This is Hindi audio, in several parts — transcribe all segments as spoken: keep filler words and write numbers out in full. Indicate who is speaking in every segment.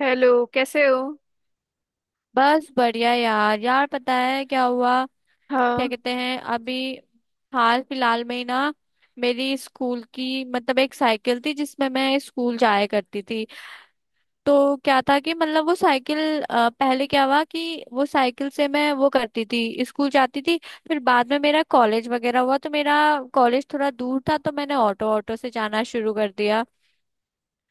Speaker 1: हेलो, कैसे हो।
Speaker 2: बस बढ़िया यार यार। पता है क्या हुआ? क्या
Speaker 1: हाँ।
Speaker 2: कहते हैं अभी, हाल फिलहाल में ही ना, मेरी स्कूल की मतलब एक साइकिल थी जिसमें मैं स्कूल जाया करती थी। तो क्या था कि मतलब वो साइकिल अ, पहले क्या हुआ कि वो साइकिल से मैं वो करती थी स्कूल जाती थी। फिर बाद में मेरा कॉलेज वगैरह हुआ तो मेरा कॉलेज थोड़ा दूर था तो मैंने ऑटो ऑटो से जाना शुरू कर दिया।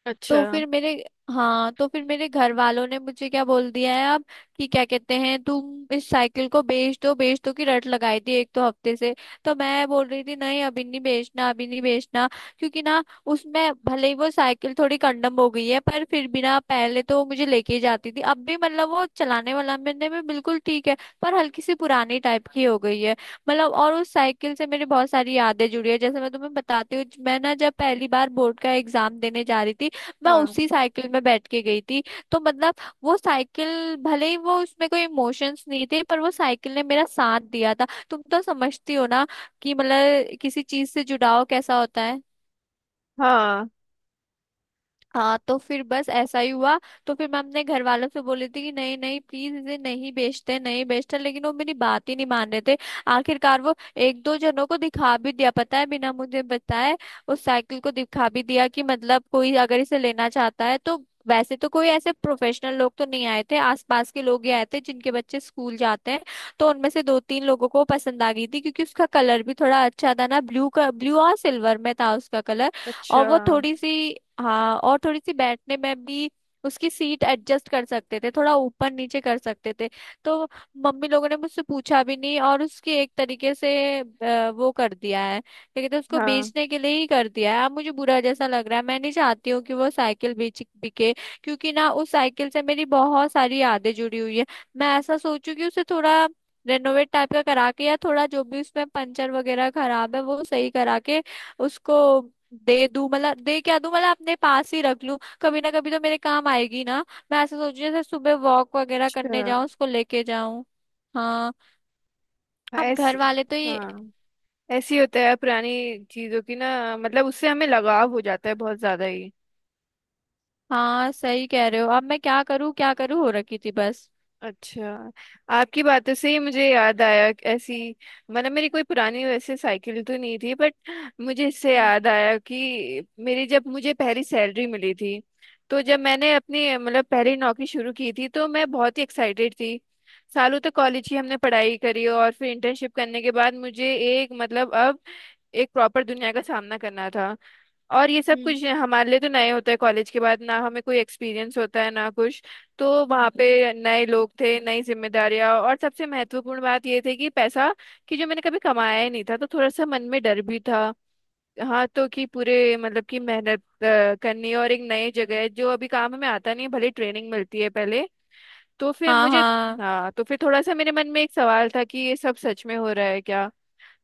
Speaker 1: अच्छा।
Speaker 2: तो फिर मेरे, हाँ तो फिर मेरे घर वालों ने मुझे क्या बोल दिया है अब कि क्या कहते हैं तुम इस साइकिल को बेच दो, बेच दो की रट लगाई थी एक तो हफ्ते से। तो मैं बोल रही थी नहीं अभी नहीं बेचना, अभी नहीं बेचना। क्योंकि ना उसमें भले ही वो साइकिल थोड़ी कंडम हो गई है पर फिर भी ना पहले तो वो मुझे लेके ही जाती थी, अब भी मतलब वो चलाने वाला मैंने में बिल्कुल ठीक है। पर हल्की सी पुरानी टाइप की हो गई है। मतलब और उस साइकिल से मेरी बहुत सारी यादें जुड़ी है, जैसे मैं तुम्हें बताती हूँ, मैं ना जब पहली बार बोर्ड का एग्जाम देने जा रही थी मैं
Speaker 1: हाँ।
Speaker 2: उसी साइकिल में बैठ के गई थी। तो मतलब वो साइकिल भले ही वो उसमें कोई इमोशंस नहीं थे पर वो साइकिल ने मेरा साथ दिया था। तुम तो समझती हो ना कि मतलब किसी चीज से जुड़ाव कैसा होता है।
Speaker 1: हाँ।
Speaker 2: हाँ तो फिर बस ऐसा ही हुआ। तो फिर मैं अपने घर वालों से बोली थी कि नहीं नहीं प्लीज इसे नहीं बेचते, नहीं बेचते, लेकिन वो मेरी बात ही नहीं मान रहे थे। आखिरकार वो एक दो जनों को दिखा भी दिया पता है, बिना मुझे बताए उस साइकिल को दिखा भी दिया कि मतलब कोई अगर इसे लेना चाहता है तो। वैसे तो कोई ऐसे प्रोफेशनल लोग तो नहीं आए थे, आसपास के लोग ही आए थे जिनके बच्चे स्कूल जाते हैं। तो उनमें से दो तीन लोगों को पसंद आ गई थी क्योंकि उसका कलर भी थोड़ा अच्छा था ना, ब्लू का, ब्लू और सिल्वर में था उसका कलर।
Speaker 1: अच्छा।
Speaker 2: और वो थोड़ी सी, हाँ और थोड़ी सी बैठने में भी उसकी सीट एडजस्ट कर सकते थे, थोड़ा ऊपर नीचे कर सकते थे। तो मम्मी लोगों ने मुझसे पूछा भी नहीं और उसकी एक तरीके से अ, वो कर दिया है, क्या कहते हैं, उसको
Speaker 1: हाँ।
Speaker 2: बेचने के लिए ही कर दिया है। अब मुझे बुरा जैसा लग रहा है, मैं नहीं चाहती हूँ कि वो साइकिल बेच बिके। क्योंकि ना उस साइकिल से मेरी बहुत सारी यादें जुड़ी हुई है। मैं ऐसा सोचू कि उसे थोड़ा रेनोवेट टाइप का करा के, या थोड़ा जो भी उसमें पंचर वगैरह खराब है वो सही करा के उसको दे दूं, मतलब दे क्या दूं मतलब अपने पास ही रख लूं, कभी ना कभी तो मेरे काम आएगी ना। मैं ऐसे सोच रही हूं, जैसे सुबह वॉक वगैरह
Speaker 1: अच्छा।
Speaker 2: करने जाऊं उसको लेके जाऊं। हाँ। अब
Speaker 1: ऐस
Speaker 2: घर वाले तो ये,
Speaker 1: हाँ। ऐसे ही होता है पुरानी चीजों की ना, मतलब उससे हमें लगाव हो जाता है बहुत ज्यादा ही।
Speaker 2: हाँ सही कह रहे हो, अब मैं क्या करूँ क्या करूँ हो रखी थी बस।
Speaker 1: अच्छा, आपकी बातों से ही मुझे याद आया कि ऐसी, मतलब मेरी कोई पुरानी वैसे साइकिल तो नहीं थी, बट मुझे इससे
Speaker 2: हम्म।
Speaker 1: याद आया कि मेरी, जब मुझे पहली सैलरी मिली थी, तो जब मैंने अपनी मतलब पहली नौकरी शुरू की थी, तो मैं बहुत ही एक्साइटेड थी। सालों तक कॉलेज ही हमने पढ़ाई करी और फिर इंटर्नशिप करने के बाद मुझे एक मतलब, अब एक प्रॉपर दुनिया का सामना करना था। और ये सब
Speaker 2: हम्म।
Speaker 1: कुछ हमारे लिए तो नए होता है, कॉलेज के बाद ना हमें कोई एक्सपीरियंस होता है ना कुछ। तो वहाँ पे नए लोग थे, नई जिम्मेदारियां, और सबसे महत्वपूर्ण बात ये थी कि पैसा, कि जो मैंने कभी कमाया ही नहीं था, तो थोड़ा सा मन में डर भी था। हाँ, तो कि पूरे मतलब कि मेहनत अ, करनी है और एक नई जगह है जो अभी काम में आता नहीं है, भले ट्रेनिंग मिलती है पहले। तो फिर
Speaker 2: हाँ।
Speaker 1: मुझे,
Speaker 2: हाँ।
Speaker 1: हाँ, तो फिर थोड़ा सा मेरे मन में एक सवाल था कि ये सब सच में हो रहा है क्या।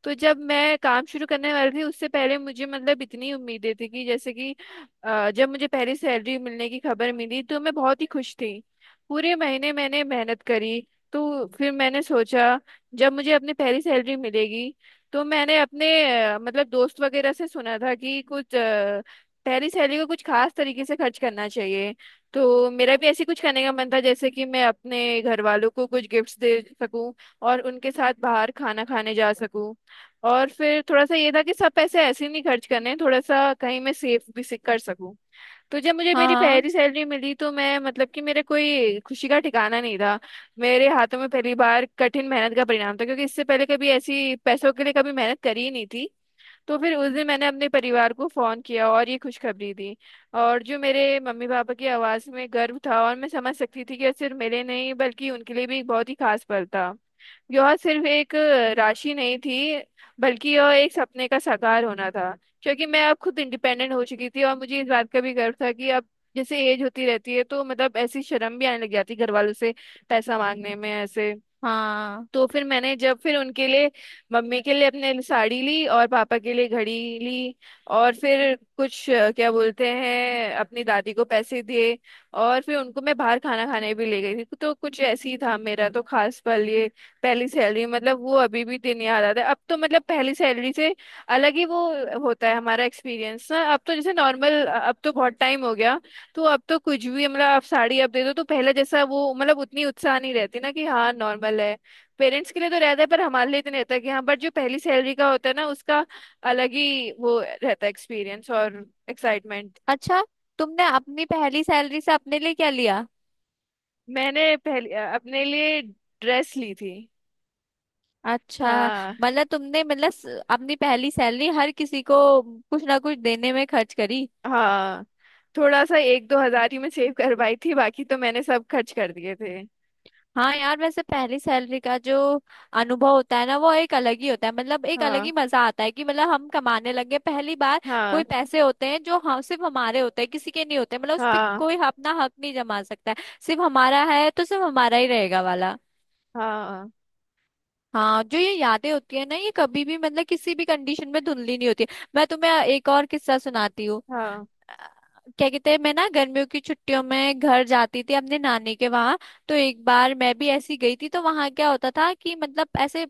Speaker 1: तो जब मैं काम शुरू करने वाली थी, उससे पहले मुझे मतलब इतनी उम्मीदें थी कि जैसे कि, अ, जब मुझे पहली सैलरी मिलने की खबर मिली, तो मैं बहुत ही खुश थी। पूरे महीने मैंने मेहनत करी। तो फिर मैंने सोचा, जब मुझे अपनी पहली सैलरी मिलेगी, तो मैंने अपने अ, मतलब दोस्त वगैरह से सुना था कि कुछ अ, पहली सैलरी को कुछ खास तरीके से खर्च करना चाहिए। तो मेरा भी ऐसे कुछ करने का मन था जैसे कि मैं अपने घर वालों को कुछ गिफ्ट्स दे सकूं और उनके साथ बाहर खाना खाने जा सकूं। और फिर थोड़ा सा ये था कि सब पैसे ऐसे ही नहीं खर्च करने, थोड़ा सा कहीं मैं सेव भी से कर सकूं। तो जब मुझे
Speaker 2: हाँ।
Speaker 1: मेरी
Speaker 2: हाँ।
Speaker 1: पहली सैलरी मिली, तो मैं मतलब कि मेरे कोई खुशी का ठिकाना नहीं था। मेरे हाथों में पहली बार कठिन मेहनत का परिणाम था, क्योंकि इससे पहले कभी ऐसी पैसों के लिए कभी मेहनत करी ही नहीं थी। तो फिर उस दिन मैंने अपने परिवार को फोन किया और ये खुशखबरी दी। और जो मेरे मम्मी पापा की आवाज़ में गर्व था, और मैं समझ सकती थी कि यह सिर्फ मेरे नहीं बल्कि उनके लिए भी एक बहुत ही खास पल था। यह सिर्फ एक राशि नहीं थी, बल्कि यह एक सपने का साकार होना था, क्योंकि मैं अब खुद इंडिपेंडेंट हो चुकी थी। और मुझे इस बात का भी गर्व था कि अब, जैसे एज होती रहती है तो मतलब ऐसी शर्म भी आने लग जाती घर वालों से पैसा मांगने में ऐसे।
Speaker 2: हाँ।
Speaker 1: तो फिर मैंने, जब फिर उनके लिए, मम्मी के लिए, अपने लिए साड़ी ली और पापा के लिए घड़ी ली। और फिर कुछ अ, क्या बोलते हैं, अपनी दादी को पैसे दिए। और फिर उनको मैं बाहर खाना खाने भी ले गई थी। तो कुछ ऐसे ही था मेरा तो खास पल ये पहली सैलरी, मतलब वो अभी भी दिन याद आता है। अब तो मतलब पहली सैलरी से अलग ही वो होता है हमारा एक्सपीरियंस ना। अब तो जैसे नॉर्मल, अब तो बहुत टाइम हो गया। तो अब तो कुछ भी मतलब आप साड़ी अब दे दो तो पहले जैसा वो मतलब उतनी उत्साह नहीं रहती ना, कि हाँ नॉर्मल है। पेरेंट्स के लिए तो रहता है पर हमारे लिए इतने रहता है कि हाँ, बट जो पहली सैलरी का होता है ना उसका अलग ही वो रहता है एक्सपीरियंस और एक्साइटमेंट।
Speaker 2: अच्छा, तुमने अपनी पहली सैलरी से अपने लिए क्या लिया?
Speaker 1: मैंने पहले अपने लिए ड्रेस ली थी।
Speaker 2: अच्छा।
Speaker 1: हाँ।
Speaker 2: मतलब तुमने मतलब स- अपनी पहली सैलरी हर किसी को कुछ ना कुछ देने में खर्च करी।
Speaker 1: हाँ, थोड़ा सा एक दो हजार ही मैं सेव करवाई थी, बाकी तो मैंने सब खर्च कर दिए थे।
Speaker 2: हाँ यार, वैसे पहली सैलरी का जो अनुभव होता है ना वो एक अलग ही होता है, मतलब एक अलग
Speaker 1: हाँ।
Speaker 2: ही मजा आता है कि मतलब हम कमाने लगे पहली बार।
Speaker 1: हाँ।
Speaker 2: कोई पैसे होते हैं जो हम सिर्फ हमारे होते हैं, किसी के नहीं होते, मतलब उस पर
Speaker 1: हाँ।
Speaker 2: कोई अपना हक नहीं जमा सकता है, सिर्फ हमारा है तो सिर्फ हमारा ही रहेगा वाला।
Speaker 1: हाँ।
Speaker 2: हाँ जो ये यादें होती है ना ये कभी भी मतलब किसी भी कंडीशन में धुंधली नहीं होती है। मैं तुम्हें एक और किस्सा सुनाती हूँ।
Speaker 1: हाँ।
Speaker 2: क्या कहते हैं, मैं ना गर्मियों की छुट्टियों में घर जाती थी अपने नानी के वहां। तो एक बार मैं भी ऐसी गई थी तो वहां क्या होता था कि मतलब ऐसे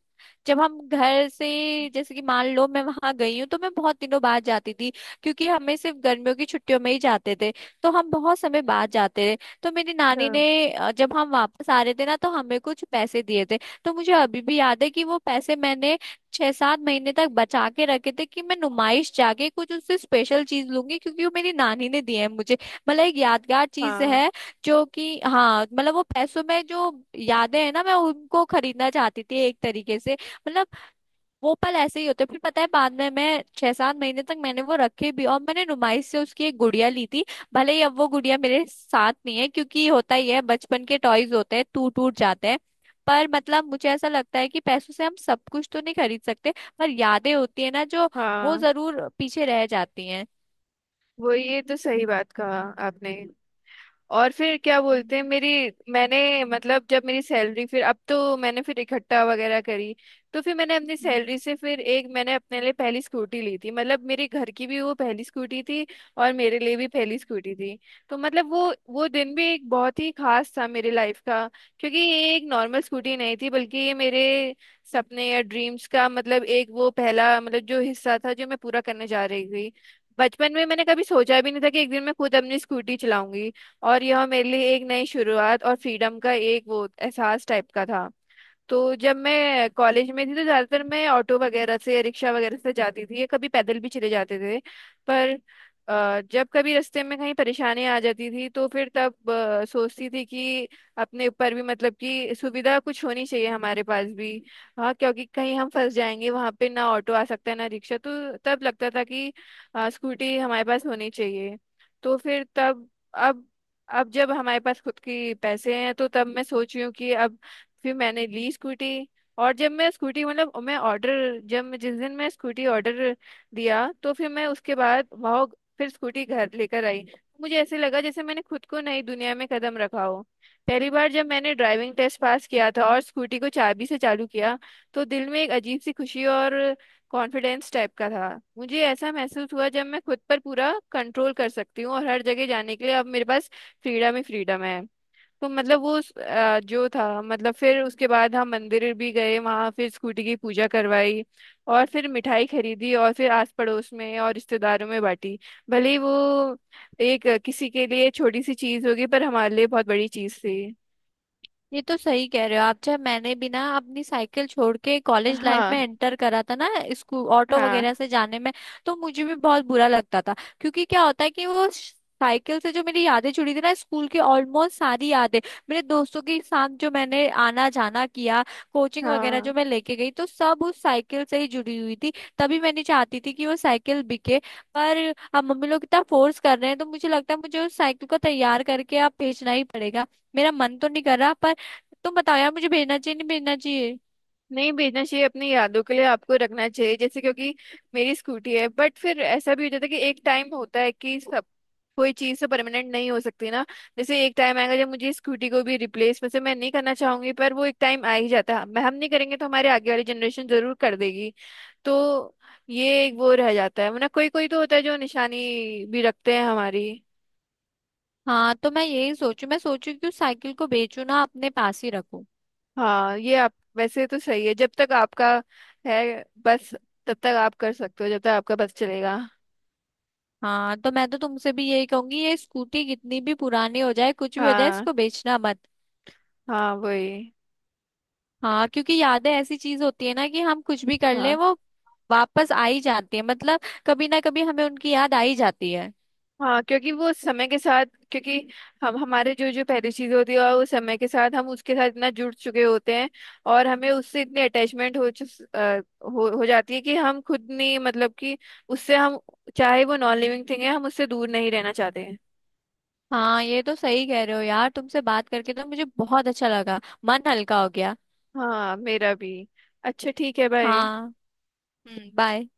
Speaker 2: जब हम घर से, जैसे कि मान लो मैं वहां गई हूँ तो मैं बहुत दिनों बाद जाती थी क्योंकि हमें सिर्फ गर्मियों की छुट्टियों में ही जाते थे, तो हम बहुत समय बाद जाते थे। तो मेरी
Speaker 1: अच्छा।
Speaker 2: नानी ने अ, जब हम वापस आ रहे थे ना तो हमें कुछ पैसे दिए थे। तो मुझे अभी भी याद है कि वो पैसे मैंने छह सात महीने तक बचा के रखे थे कि मैं नुमाइश जाके कुछ उससे स्पेशल चीज लूंगी, क्योंकि वो मेरी नानी ने दिए हैं मुझे, मतलब एक यादगार चीज
Speaker 1: हाँ।
Speaker 2: है। जो कि हाँ मतलब वो पैसों में जो यादें हैं ना मैं उनको खरीदना चाहती थी एक तरीके से, मतलब वो पल ऐसे ही होते। फिर पता है बाद में मैं छह सात महीने तक मैंने वो रखे भी और मैंने नुमाइश से उसकी एक गुड़िया ली थी। भले ही अब वो गुड़िया मेरे साथ नहीं है, क्योंकि होता ही है, बचपन के टॉयज होते हैं टूट टूट जाते हैं। पर मतलब मुझे ऐसा लगता है कि पैसों से हम सब कुछ तो नहीं खरीद सकते, पर यादें होती है ना जो वो
Speaker 1: हाँ,
Speaker 2: जरूर पीछे रह जाती हैं।
Speaker 1: वो ये तो सही बात कहा आपने। और फिर क्या
Speaker 2: हम्म।
Speaker 1: बोलते हैं मेरी, मैंने मतलब जब मेरी सैलरी फिर अब तो मैंने फिर इकट्ठा वगैरह करी। तो फिर मैंने अपनी सैलरी से फिर एक, मैंने अपने लिए पहली स्कूटी ली थी। मतलब मेरे घर की भी वो पहली स्कूटी थी और मेरे लिए भी पहली स्कूटी थी। तो मतलब वो वो दिन भी एक बहुत ही खास था मेरी लाइफ का, क्योंकि ये एक नॉर्मल स्कूटी नहीं थी बल्कि ये मेरे सपने या ड्रीम्स का मतलब एक वो पहला मतलब जो हिस्सा था जो मैं पूरा करने जा रही थी। बचपन में मैंने कभी सोचा भी नहीं था कि एक दिन मैं खुद अपनी स्कूटी चलाऊंगी, और यह मेरे लिए एक नई शुरुआत और फ्रीडम का एक वो एहसास टाइप का था। तो जब मैं कॉलेज में थी तो ज्यादातर मैं ऑटो वगैरह से, रिक्शा वगैरह से जाती थी, या कभी पैदल भी चले जाते थे। पर अ, जब कभी रास्ते में कहीं परेशानी आ जाती थी, तो फिर तब अ, सोचती थी कि अपने ऊपर भी मतलब कि सुविधा कुछ होनी चाहिए हमारे पास भी। हाँ, क्योंकि कहीं हम फंस जाएंगे वहां पे, ना ऑटो आ सकता है ना रिक्शा, तो तब लगता था कि अ, स्कूटी हमारे पास होनी चाहिए। तो फिर तब, अब अब जब हमारे पास खुद के पैसे हैं तो तब मैं सोच रही हूँ कि अब फिर मैंने ली स्कूटी। और जब मैं स्कूटी मतलब मैं ऑर्डर, जब मैं जिस दिन मैं स्कूटी ऑर्डर दिया, तो फिर मैं उसके बाद वहाँ फिर स्कूटी घर लेकर आई। मुझे ऐसे लगा जैसे मैंने खुद को नई दुनिया में कदम रखा हो। पहली बार जब मैंने ड्राइविंग टेस्ट पास किया था और स्कूटी को चाबी से चालू किया, तो दिल में एक अजीब सी खुशी और कॉन्फिडेंस टाइप का था। मुझे ऐसा महसूस हुआ जब मैं खुद पर पूरा कंट्रोल कर सकती हूँ और हर जगह जाने के लिए अब मेरे पास फ्रीडम ही फ्रीडम है। तो मतलब वो उस, अ, जो था मतलब फिर उसके बाद हम मंदिर भी गए, वहां फिर स्कूटी की पूजा करवाई और फिर मिठाई खरीदी और फिर आस पड़ोस में और रिश्तेदारों में बांटी। भले ही वो एक अ, किसी के लिए छोटी सी चीज होगी पर हमारे लिए बहुत बड़ी चीज थी।
Speaker 2: ये तो सही कह रहे हो आप, जब मैंने भी ना अपनी साइकिल छोड़ के कॉलेज लाइफ
Speaker 1: हाँ।
Speaker 2: में एंटर करा था ना, स्कूल ऑटो
Speaker 1: हाँ।
Speaker 2: वगैरह से जाने में तो मुझे भी बहुत बुरा लगता था। क्योंकि क्या होता है कि वो श- साइकिल से जो मेरी यादें जुड़ी थी ना स्कूल की ऑलमोस्ट सारी यादें, मेरे दोस्तों के साथ जो मैंने आना जाना किया, कोचिंग वगैरह
Speaker 1: हाँ,
Speaker 2: जो मैं लेके गई तो सब उस साइकिल से ही जुड़ी हुई थी। तभी मैंने चाहती थी कि वो साइकिल बिके। पर अब मम्मी लोग इतना फोर्स कर रहे हैं तो मुझे लगता है मुझे उस साइकिल को तैयार करके अब बेचना ही पड़ेगा। मेरा मन तो नहीं कर रहा, पर तुम बताओ यार मुझे भेजना चाहिए नहीं भेजना चाहिए।
Speaker 1: नहीं भेजना चाहिए, अपनी यादों के लिए आपको रखना चाहिए। जैसे क्योंकि मेरी स्कूटी है, बट फिर ऐसा भी हो जाता है कि एक टाइम होता है कि सब, कोई चीज़ तो परमानेंट नहीं हो सकती ना। जैसे एक टाइम आएगा जब मुझे स्कूटी को भी रिप्लेस, वैसे मैं नहीं करना चाहूंगी पर वो एक टाइम आ ही जाता है। मैं, हम नहीं करेंगे तो हमारे आगे वाली जनरेशन जरूर कर देगी। तो ये एक वो रह जाता है, वरना कोई कोई तो होता है जो निशानी भी रखते हैं हमारी।
Speaker 2: हाँ तो मैं यही सोचू मैं सोचू कि उस साइकिल को बेचू ना अपने पास ही रखूं।
Speaker 1: हाँ, ये आप वैसे तो सही है, जब तक आपका है बस, तब तक आप कर सकते हो, जब तक आपका बस चलेगा।
Speaker 2: हाँ तो मैं तो तुमसे भी यही कहूंगी ये स्कूटी कितनी भी पुरानी हो जाए कुछ भी हो जाए
Speaker 1: हाँ।
Speaker 2: इसको बेचना मत।
Speaker 1: हाँ, वही।
Speaker 2: हाँ क्योंकि यादें ऐसी चीज होती है ना कि हम कुछ भी कर लें
Speaker 1: हाँ।
Speaker 2: वो वापस आ ही जाती है, मतलब कभी ना कभी हमें उनकी याद आ ही जाती है।
Speaker 1: हाँ, क्योंकि वो समय के साथ, क्योंकि हम, हमारे जो जो पहली चीज होती है वो समय के साथ हम उसके साथ इतना जुड़ चुके होते हैं, और हमें उससे इतनी अटैचमेंट हो, चुस- अ, हो हो जाती है कि हम खुद नहीं मतलब कि उससे हम, चाहे वो नॉन लिविंग थिंग है, हम उससे दूर नहीं रहना चाहते हैं।
Speaker 2: हाँ ये तो सही कह रहे हो यार, तुमसे बात करके तो मुझे बहुत अच्छा लगा, मन हल्का हो गया।
Speaker 1: हाँ, मेरा भी। अच्छा, ठीक है, बाय।
Speaker 2: हाँ। हम्म। बाय।